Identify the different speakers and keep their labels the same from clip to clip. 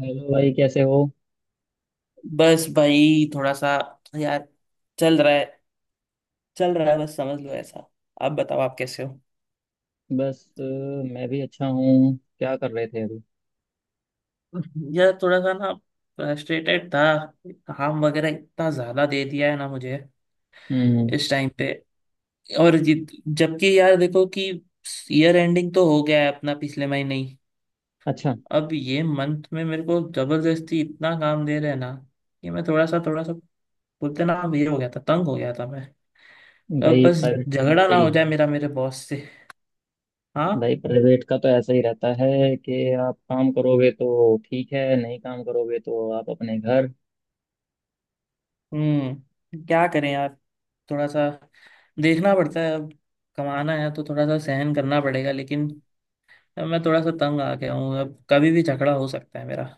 Speaker 1: Hello भाई, कैसे हो?
Speaker 2: बस भाई थोड़ा सा यार चल रहा है। चल रहा है बस, समझ लो ऐसा। आप बताओ, आप कैसे हो?
Speaker 1: बस, मैं भी अच्छा हूँ। क्या कर रहे थे अभी?
Speaker 2: यार थोड़ा सा ना फ्रस्ट्रेटेड था। काम वगैरह इतना ज्यादा दे दिया है ना मुझे
Speaker 1: हम्म।
Speaker 2: इस टाइम पे। और जबकि यार देखो कि ईयर एंडिंग तो हो गया है अपना पिछले महीने ही।
Speaker 1: अच्छा।
Speaker 2: अब ये मंथ में मेरे को जबरदस्ती इतना काम दे रहे हैं ना कि मैं थोड़ा सा बोलते ना, ये हो गया था, तंग हो गया था मैं। अब
Speaker 1: भाई,
Speaker 2: बस
Speaker 1: प्राइवेट का तो
Speaker 2: झगड़ा
Speaker 1: ऐसा
Speaker 2: ना
Speaker 1: ही
Speaker 2: हो
Speaker 1: है।
Speaker 2: जाए मेरा मेरे बॉस से। हाँ।
Speaker 1: भाई, प्राइवेट का तो ऐसा ही रहता है कि आप काम करोगे तो ठीक है, नहीं काम करोगे तो आप अपने घर।
Speaker 2: हम्म, क्या करें यार, थोड़ा सा देखना पड़ता है अब। कमाना है तो थोड़ा सा सहन करना पड़ेगा, लेकिन अब मैं थोड़ा सा तंग आ गया हूँ। अब कभी भी झगड़ा हो सकता है मेरा,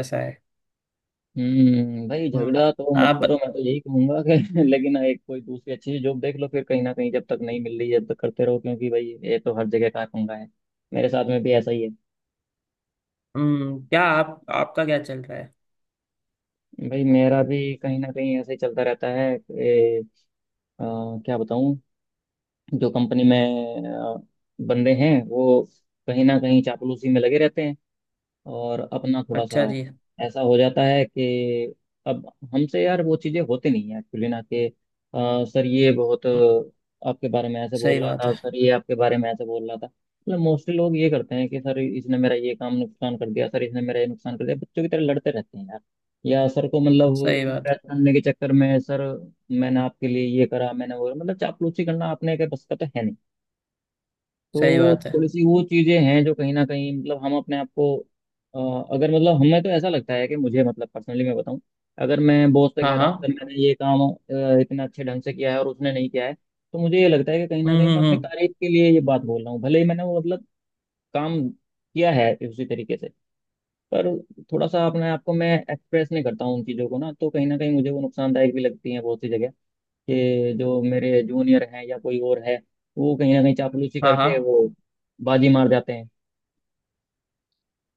Speaker 2: ऐसा है।
Speaker 1: हम्म। भाई,
Speaker 2: हम्म।
Speaker 1: झगड़ा तो मत
Speaker 2: आप।
Speaker 1: करो, मैं तो यही कहूंगा कि लेकिन एक कोई दूसरी अच्छी सी जॉब देख लो, फिर कहीं ना कहीं जब तक नहीं मिल रही है तब तक करते रहो, क्योंकि भाई ये तो हर जगह का पंगा है। मेरे साथ में भी ऐसा ही है।
Speaker 2: हम्म, क्या आप आपका क्या चल रहा है?
Speaker 1: भाई, मेरा भी कहीं ना कहीं ऐसे ही चलता रहता है। अ, क्या बताऊं। जो कंपनी में बंदे हैं, वो कहीं ना कहीं चापलूसी में लगे रहते हैं। और अपना थोड़ा
Speaker 2: अच्छा
Speaker 1: सा
Speaker 2: जी। हम्म।
Speaker 1: ऐसा हो जाता है कि अब हमसे यार वो चीज़ें होती नहीं है एक्चुअली, ना कि सर ये बहुत आपके बारे में ऐसे
Speaker 2: सही
Speaker 1: बोल रहा
Speaker 2: बात
Speaker 1: था,
Speaker 2: है।
Speaker 1: सर ये आपके बारे में ऐसे बोल रहा था, मतलब मोस्टली लोग ये करते हैं कि सर इसने मेरा ये काम नुकसान कर दिया, सर इसने मेरा ये नुकसान कर दिया। बच्चों की तरह लड़ते रहते हैं यार। या सर को मतलब
Speaker 2: सही बात।
Speaker 1: इम्प्रेस करने के चक्कर में, सर मैंने आपके लिए ये करा, मैंने वो, मतलब चापलूसी करना अपने के बस का तो है नहीं।
Speaker 2: सही
Speaker 1: तो
Speaker 2: बात है।
Speaker 1: थोड़ी सी वो चीजें हैं जो कहीं ना कहीं, मतलब हम अपने आप को अगर, मतलब हमें तो ऐसा लगता है कि मुझे, मतलब पर्सनली मैं बताऊं, अगर मैं बॉस से
Speaker 2: हाँ
Speaker 1: कह रहा
Speaker 2: हाँ।
Speaker 1: हूँ सर मैंने ये काम इतना अच्छे ढंग से किया है और उसने नहीं किया है, तो मुझे ये लगता है कि कहीं ना कहीं मैं अपनी
Speaker 2: हम्म।
Speaker 1: तारीफ के लिए ये बात बोल रहा हूँ, भले ही मैंने वो मतलब काम किया है उसी तरीके से। पर थोड़ा सा अपने आप को मैं एक्सप्रेस नहीं करता हूँ उन चीज़ों को, ना तो कहीं ना कहीं मुझे वो नुकसानदायक भी लगती है बहुत सी जगह, कि जो मेरे जूनियर हैं या कोई और है, वो कहीं ना कहीं चापलूसी
Speaker 2: हाँ
Speaker 1: करके
Speaker 2: हाँ।
Speaker 1: वो बाजी मार जाते हैं।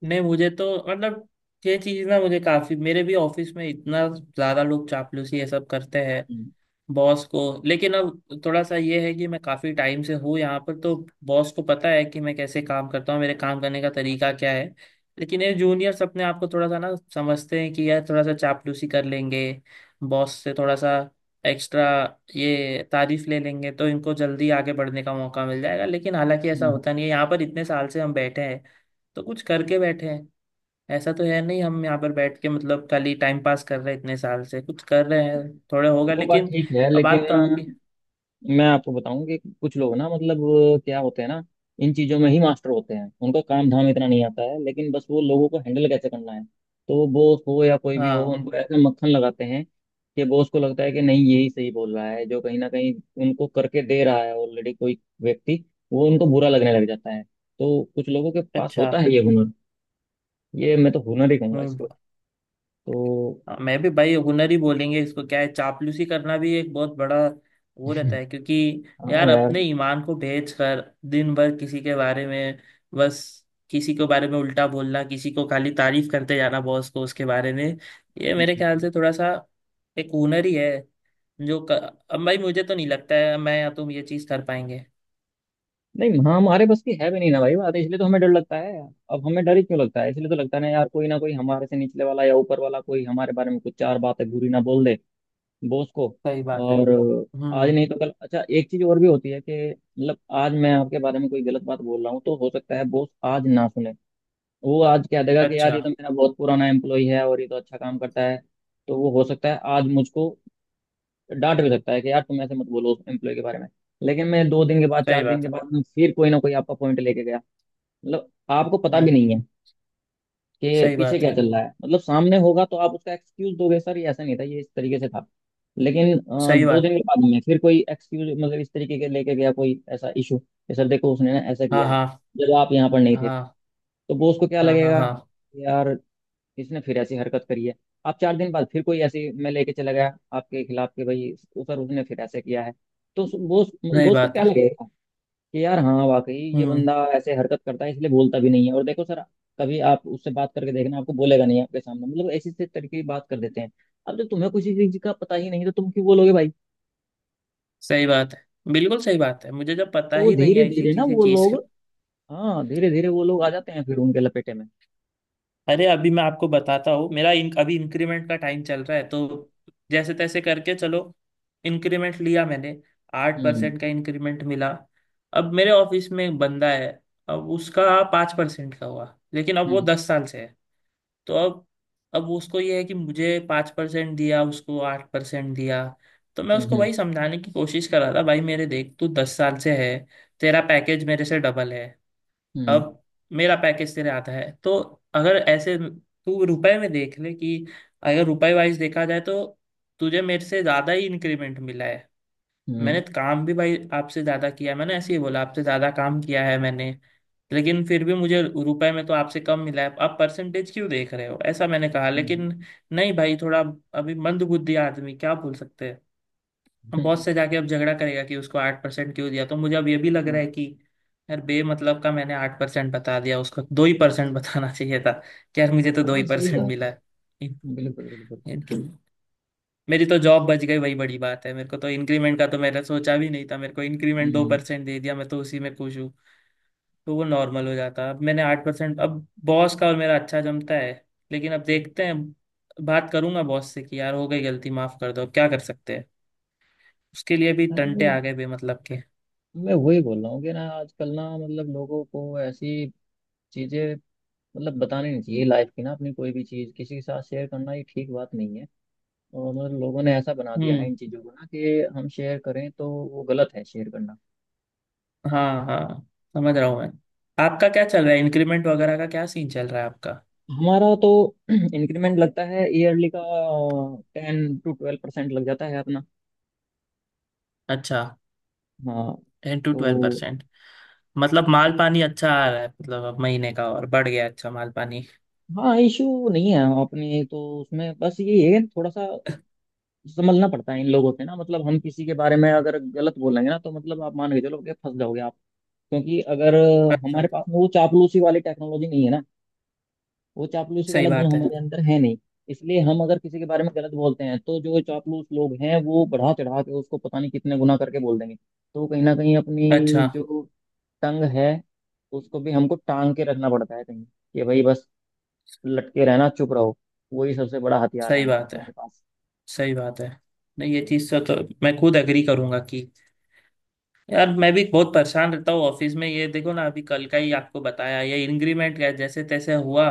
Speaker 2: नहीं, मुझे तो मतलब ये चीज़ ना, मुझे काफ़ी, मेरे भी ऑफिस में इतना ज़्यादा लोग चापलूसी ये सब करते हैं
Speaker 1: हम्म,
Speaker 2: बॉस को। लेकिन अब थोड़ा सा ये है कि मैं काफी टाइम से हूँ यहाँ पर, तो बॉस को पता है कि मैं कैसे काम करता हूँ, मेरे काम करने का तरीका क्या है। लेकिन ये जूनियर्स अपने आप को थोड़ा सा ना समझते हैं कि यार थोड़ा सा चापलूसी कर लेंगे बॉस से, थोड़ा सा एक्स्ट्रा ये तारीफ ले लेंगे तो इनको जल्दी आगे बढ़ने का मौका मिल जाएगा। लेकिन हालांकि ऐसा
Speaker 1: हम्म।
Speaker 2: होता नहीं है। यहाँ पर इतने साल से हम बैठे हैं तो कुछ करके बैठे हैं। ऐसा तो है नहीं हम यहाँ पर बैठ के मतलब खाली टाइम पास कर रहे हैं। इतने साल से कुछ कर रहे हैं, थोड़ा होगा
Speaker 1: वो बात
Speaker 2: लेकिन
Speaker 1: ठीक है
Speaker 2: अब
Speaker 1: लेकिन
Speaker 2: बात तो आपकी।
Speaker 1: मैं आपको बताऊं कि कुछ लोग ना, मतलब क्या होते हैं ना, इन चीजों में ही मास्टर होते हैं। उनका काम धाम इतना नहीं आता है, लेकिन बस वो लोगों को हैंडल कैसे करना है। तो बॉस हो या कोई भी हो,
Speaker 2: हाँ।
Speaker 1: उनको ऐसा मक्खन लगाते हैं कि बॉस को लगता है कि नहीं, यही सही बोल रहा है। जो कहीं ना कहीं उनको करके दे रहा है ऑलरेडी कोई व्यक्ति, वो उनको बुरा लगने लग जाता है। तो कुछ लोगों के पास
Speaker 2: अच्छा।
Speaker 1: होता है ये हुनर। ये मैं तो हुनर ही कहूंगा
Speaker 2: हम्म
Speaker 1: इसको।
Speaker 2: ब-
Speaker 1: तो
Speaker 2: हाँ, मैं भी भाई हुनर ही बोलेंगे इसको। क्या है, चापलूसी करना भी एक बहुत बड़ा वो रहता है, क्योंकि
Speaker 1: हाँ
Speaker 2: यार
Speaker 1: यार।
Speaker 2: अपने ईमान को बेच कर दिन भर किसी के बारे में बस किसी के बारे में उल्टा बोलना, किसी को खाली तारीफ करते जाना बॉस को उसके बारे में, ये मेरे ख्याल से थोड़ा सा एक हुनर ही है। जो क- अब भाई मुझे तो नहीं लगता है मैं या तुम ये चीज कर पाएंगे।
Speaker 1: नहीं, हाँ हमारे बस की है भी नहीं ना भाई बात, इसलिए तो हमें डर लगता है। अब हमें डर ही क्यों लगता है? इसलिए तो लगता है ना यार, कोई ना कोई हमारे से निचले वाला या ऊपर वाला कोई हमारे बारे में कुछ चार बातें बुरी ना बोल दे बॉस को।
Speaker 2: सही बात है।
Speaker 1: और आज
Speaker 2: हम्म।
Speaker 1: नहीं तो कल। अच्छा, एक चीज और भी होती है कि मतलब आज मैं आपके बारे में कोई गलत बात बोल रहा हूँ, तो हो सकता है बॉस आज ना सुने। वो आज कह देगा कि यार,
Speaker 2: अच्छा।
Speaker 1: ये तो मेरा बहुत पुराना एम्प्लॉय है और ये तो अच्छा काम करता है। तो वो हो सकता है आज मुझको डांट भी सकता है कि यार तुम ऐसे मत बोलो उस एम्प्लॉय के बारे में। लेकिन मैं 2 दिन के बाद,
Speaker 2: सही
Speaker 1: 4 दिन
Speaker 2: बात
Speaker 1: के
Speaker 2: है।
Speaker 1: बाद में फिर कोई ना कोई आपका पॉइंट लेके गया, मतलब आपको पता
Speaker 2: हम्म।
Speaker 1: भी नहीं है कि
Speaker 2: सही
Speaker 1: पीछे
Speaker 2: बात
Speaker 1: क्या
Speaker 2: है।
Speaker 1: चल रहा है। मतलब सामने होगा तो आप उसका एक्सक्यूज दोगे, सर ये ऐसा नहीं था, ये इस तरीके से था। लेकिन
Speaker 2: सही
Speaker 1: दो
Speaker 2: बात।
Speaker 1: दिन के बाद में फिर कोई एक्सक्यूज, मतलब इस तरीके के लेके गया कोई ऐसा इशू कि सर देखो उसने ना ऐसा
Speaker 2: हाँ
Speaker 1: किया है,
Speaker 2: हाँ
Speaker 1: जब आप यहाँ पर नहीं थे,
Speaker 2: हाँ।
Speaker 1: तो वो उसको क्या
Speaker 2: हाँ हाँ।
Speaker 1: लगेगा?
Speaker 2: हाँ।
Speaker 1: यार, इसने फिर ऐसी हरकत करी है। आप 4 दिन बाद फिर कोई ऐसी मैं लेके चला गया आपके खिलाफ कि भाई सर उसने फिर ऐसे किया है। तो उस- बॉस
Speaker 2: सही
Speaker 1: बॉस को
Speaker 2: बात
Speaker 1: क्या
Speaker 2: है।
Speaker 1: लगेगा? कि यार हाँ, वाकई ये
Speaker 2: हम्म।
Speaker 1: बंदा ऐसे हरकत करता है, इसलिए बोलता भी नहीं है। और देखो सर, कभी आप उससे बात करके देखना, आपको बोलेगा नहीं आपके सामने, मतलब ऐसी ऐसी तरीके की बात कर देते हैं। अब जब तुम्हें किसी चीज का पता ही नहीं, तो तुम क्यों बोलोगे भाई?
Speaker 2: सही बात है। बिल्कुल सही बात है। मुझे जब पता
Speaker 1: तो वो
Speaker 2: ही नहीं
Speaker 1: धीरे
Speaker 2: है इसी
Speaker 1: धीरे ना
Speaker 2: चीज
Speaker 1: वो
Speaker 2: चीज
Speaker 1: लोग, हाँ, धीरे धीरे वो लोग आ जाते हैं फिर उनके लपेटे में।
Speaker 2: अरे, अभी मैं आपको बताता हूँ, मेरा अभी इंक्रीमेंट का टाइम चल रहा है, तो जैसे तैसे करके चलो इंक्रीमेंट लिया मैंने। आठ
Speaker 1: हम्म,
Speaker 2: परसेंट का इंक्रीमेंट मिला। अब मेरे ऑफिस में एक बंदा है, अब उसका 5% का हुआ, लेकिन अब वो
Speaker 1: हम्म,
Speaker 2: 10 साल से है। तो अब उसको ये है कि मुझे 5% दिया, उसको 8% दिया। तो मैं
Speaker 1: हम्म,
Speaker 2: उसको
Speaker 1: हम्म,
Speaker 2: भाई समझाने की कोशिश कर रहा था, भाई मेरे देख तू 10 साल से है, तेरा पैकेज मेरे से डबल है।
Speaker 1: हम्म,
Speaker 2: अब मेरा पैकेज तेरे आता है, तो अगर ऐसे तू रुपए में देख ले कि, अगर रुपए वाइज देखा जाए तो तुझे मेरे से ज्यादा ही इंक्रीमेंट मिला है। मैंने
Speaker 1: हम्म,
Speaker 2: काम भी भाई आपसे ज्यादा किया है। मैंने ऐसे ही बोला, आपसे ज्यादा काम किया है मैंने, लेकिन फिर भी मुझे रुपए में तो आपसे कम मिला है। आप परसेंटेज क्यों देख रहे हो, ऐसा मैंने कहा।
Speaker 1: हम्म,
Speaker 2: लेकिन नहीं भाई, थोड़ा अभी मंदबुद्धि आदमी क्या बोल सकते हैं, बॉस
Speaker 1: हम्म,
Speaker 2: से जाके अब झगड़ा करेगा कि उसको 8% क्यों दिया। तो मुझे अब ये भी लग रहा
Speaker 1: हम्म।
Speaker 2: है कि यार बेमतलब का मैंने 8% बता दिया, उसको दो ही परसेंट बताना चाहिए था कि यार मुझे तो दो ही
Speaker 1: हाँ, सही
Speaker 2: परसेंट
Speaker 1: बात
Speaker 2: मिला है। इन,
Speaker 1: है। बिल्कुल बिल्कुल।
Speaker 2: इनकी मेरी तो जॉब बच गई वही बड़ी बात है। मेरे को तो इंक्रीमेंट का तो मैंने सोचा भी नहीं था। मेरे को इंक्रीमेंट दो
Speaker 1: हम्म।
Speaker 2: परसेंट दे दिया मैं तो उसी में खुश हूँ, तो वो नॉर्मल हो जाता। अब मैंने 8%, अब बॉस का और मेरा अच्छा जमता है, लेकिन अब देखते हैं। बात करूंगा बॉस से कि यार हो गई गलती, माफ कर दो, अब क्या कर सकते हैं। उसके लिए भी टंटे
Speaker 1: अरे,
Speaker 2: आ गए बेमतलब।
Speaker 1: मैं वही बोल रहा हूँ कि ना, आजकल ना, मतलब लोगों को ऐसी चीजें, मतलब बतानी नहीं चाहिए। लाइफ की ना, अपनी कोई भी चीज किसी के साथ शेयर करना, ये ठीक बात नहीं है। और मतलब लोगों ने ऐसा बना दिया है
Speaker 2: हम्म।
Speaker 1: इन चीजों को ना, कि हम शेयर करें तो वो गलत है शेयर करना।
Speaker 2: हाँ हाँ, समझ रहा हूँ मैं। आपका क्या चल रहा है, इंक्रीमेंट वगैरह का क्या सीन चल रहा है आपका?
Speaker 1: हमारा तो इंक्रीमेंट लगता है ईयरली का 10 to 12% लग जाता है अपना।
Speaker 2: अच्छा।
Speaker 1: हाँ।
Speaker 2: टेन टू ट्वेल्व
Speaker 1: तो
Speaker 2: परसेंट मतलब माल पानी अच्छा आ रहा है, मतलब अब महीने का और बढ़ गया अच्छा माल पानी।
Speaker 1: हाँ, इशू नहीं है अपने तो उसमें, बस ये है थोड़ा सा संभलना पड़ता है इन लोगों से ना, मतलब हम किसी के बारे में अगर गलत बोलेंगे ना, तो मतलब आप मान के चलो कि फंस जाओगे आप। क्योंकि अगर
Speaker 2: अच्छा।
Speaker 1: हमारे पास में वो चापलूसी वाली टेक्नोलॉजी नहीं है ना, वो चापलूसी
Speaker 2: सही
Speaker 1: वाला गुण
Speaker 2: बात है।
Speaker 1: हमारे अंदर है नहीं। इसलिए हम अगर किसी के बारे में गलत बोलते हैं, तो जो चापलूस लोग हैं वो बढ़ा चढ़ा के उसको पता नहीं कितने गुना करके बोल देंगे। तो कहीं ना कहीं अपनी
Speaker 2: अच्छा।
Speaker 1: जो टंग है, उसको भी हमको टांग के रखना पड़ता है कहीं कि भाई बस लटके रहना, चुप रहो, वही सबसे बड़ा हथियार है
Speaker 2: सही
Speaker 1: हमारा,
Speaker 2: बात है।
Speaker 1: हमारे पास।
Speaker 2: सही बात है। नहीं, ये चीज़ से तो मैं खुद एग्री करूंगा कि यार मैं भी बहुत परेशान रहता हूँ ऑफिस में। ये देखो ना, अभी कल का ही आपको बताया, ये इंक्रीमेंट का जैसे तैसे हुआ,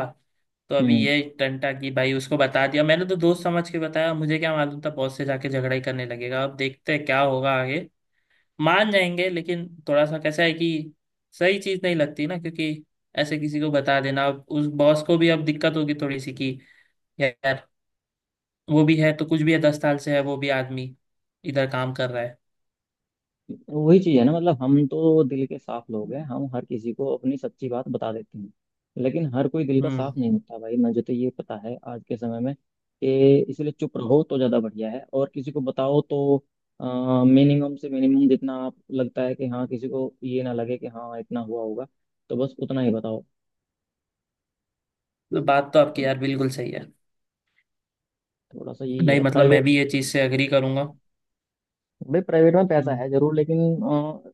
Speaker 2: तो अभी
Speaker 1: हम्म।
Speaker 2: ये टंटा की भाई उसको बता दिया मैंने तो दोस्त समझ के। बताया मुझे क्या मालूम था बॉस से जाके झगड़ा ही करने लगेगा। अब देखते हैं क्या होगा आगे। मान जाएंगे, लेकिन थोड़ा सा कैसा है कि सही चीज नहीं लगती ना, क्योंकि ऐसे किसी को बता देना, अब उस बॉस को भी अब दिक्कत होगी थोड़ी सी कि यार वो भी है तो कुछ भी है, 10 साल से है वो भी आदमी, इधर काम कर रहा है।
Speaker 1: वही चीज है ना, मतलब हम तो दिल के साफ लोग हैं, हम हर किसी को अपनी सच्ची बात बता देते हैं। लेकिन हर कोई दिल का
Speaker 2: हम्म।
Speaker 1: साफ नहीं होता भाई। मुझे तो ये पता है आज के समय में कि इसलिए चुप रहो तो ज्यादा बढ़िया है, और किसी को बताओ तो मिनिमम से मिनिमम, जितना आप लगता है कि हाँ किसी को ये ना लगे कि हाँ इतना हुआ होगा, तो बस उतना ही बताओ।
Speaker 2: तो बात तो आपकी
Speaker 1: मतलब
Speaker 2: यार बिल्कुल सही है।
Speaker 1: थोड़ा सा यही
Speaker 2: नहीं,
Speaker 1: है
Speaker 2: मतलब मैं
Speaker 1: प्राइवेट।
Speaker 2: भी ये चीज से एग्री करूंगा।
Speaker 1: भाई, प्राइवेट में पैसा
Speaker 2: हम्म।
Speaker 1: है जरूर, लेकिन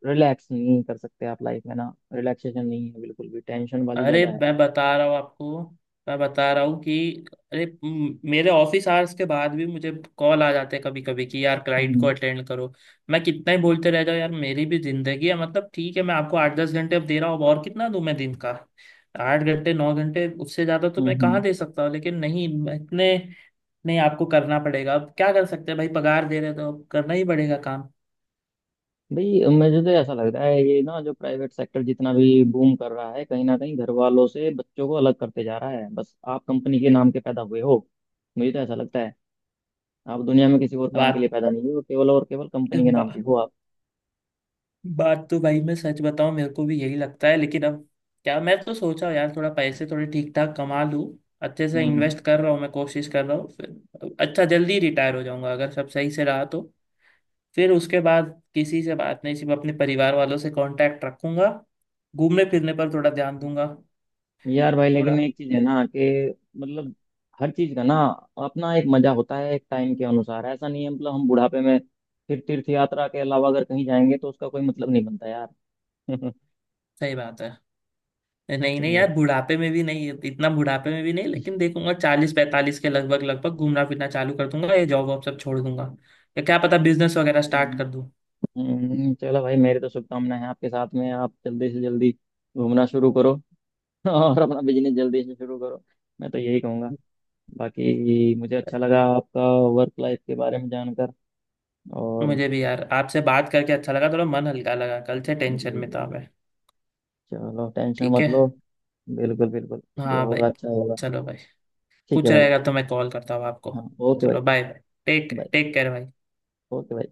Speaker 1: रिलैक्स नहीं कर सकते आप लाइफ में, ना रिलैक्सेशन नहीं है बिल्कुल भी, टेंशन वाली
Speaker 2: अरे,
Speaker 1: ज्यादा है।
Speaker 2: मैं बता रहा हूँ आपको, मैं बता रहा हूँ कि अरे मेरे ऑफिस आवर्स के बाद भी मुझे कॉल आ जाते हैं कभी कभी कि यार क्लाइंट को
Speaker 1: हम्म,
Speaker 2: अटेंड करो। मैं कितना ही बोलते रह जाऊँ यार, मेरी भी जिंदगी है। मतलब ठीक है, मैं आपको 8-10 घंटे अब दे रहा हूँ, अब और कितना दूं मैं दिन का? 8 घंटे 9 घंटे, उससे ज्यादा तो
Speaker 1: हम्म,
Speaker 2: मैं कहाँ दे सकता हूँ। लेकिन नहीं मैं इतने, नहीं आपको करना पड़ेगा, अब क्या कर सकते हैं भाई, पगार दे रहे हैं तो अब करना ही पड़ेगा काम।
Speaker 1: भाई, मुझे तो ऐसा लग रहा है, ये ना जो प्राइवेट सेक्टर जितना भी बूम कर रहा है, कहीं ना कहीं घर वालों से बच्चों को अलग करते जा रहा है। बस आप कंपनी के नाम के पैदा हुए हो, मुझे तो ऐसा लगता है। आप दुनिया में किसी और काम के लिए पैदा नहीं हुए हो, केवल और केवल कंपनी के नाम के
Speaker 2: बात
Speaker 1: हो आप।
Speaker 2: बात तो भाई मैं सच बताऊं मेरे को भी यही लगता है, लेकिन अब क्या, मैं तो सोचा यार थोड़ा पैसे थोड़े ठीक ठाक कमा लूं। अच्छे से
Speaker 1: हम्म।
Speaker 2: इन्वेस्ट कर रहा हूँ, मैं कोशिश कर रहा हूँ, फिर अच्छा जल्दी रिटायर हो जाऊंगा अगर सब सही से रहा तो। फिर उसके बाद किसी से बात नहीं, सिर्फ अपने परिवार वालों से कांटेक्ट रखूंगा, घूमने फिरने पर थोड़ा ध्यान दूंगा।
Speaker 1: यार भाई,
Speaker 2: थोड़ा।
Speaker 1: लेकिन एक चीज है ना कि मतलब हर चीज का ना अपना एक मजा होता है एक टाइम के अनुसार, ऐसा नहीं है, मतलब हम बुढ़ापे में फिर तीर्थ यात्रा के अलावा अगर कहीं जाएंगे तो उसका कोई मतलब नहीं बनता यार।
Speaker 2: सही बात है। नहीं नहीं यार, बुढ़ापे में भी नहीं, इतना बुढ़ापे में भी नहीं, लेकिन देखूंगा 40-45 के लगभग लगभग घूमना फिरना चालू कर दूंगा, ये जॉब वॉब सब छोड़ दूंगा, या क्या पता बिजनेस वगैरह
Speaker 1: तो,
Speaker 2: स्टार्ट कर दूं।
Speaker 1: चलो भाई, मेरी तो शुभकामनाएं हैं आपके साथ में। आप जल्दी से जल्दी घूमना शुरू करो और अपना बिजनेस जल्दी से शुरू करो, मैं तो यही कहूँगा। बाकी मुझे अच्छा लगा आपका वर्क लाइफ के बारे में जानकर। और
Speaker 2: मुझे भी यार आपसे बात करके अच्छा लगा, थोड़ा मन हल्का लगा, कल से
Speaker 1: जी।
Speaker 2: टेंशन में
Speaker 1: जी।
Speaker 2: था मैं।
Speaker 1: चलो, टेंशन
Speaker 2: ठीक
Speaker 1: मत
Speaker 2: है।
Speaker 1: लो। बिल्कुल बिल्कुल। जो
Speaker 2: हाँ भाई।
Speaker 1: होगा अच्छा होगा।
Speaker 2: चलो भाई,
Speaker 1: ठीक है
Speaker 2: कुछ
Speaker 1: भाई।
Speaker 2: रहेगा तो मैं कॉल करता हूँ आपको।
Speaker 1: हाँ ओके भाई।
Speaker 2: चलो, bye bye, take
Speaker 1: bye.
Speaker 2: Take care भाई।
Speaker 1: ओके भाई।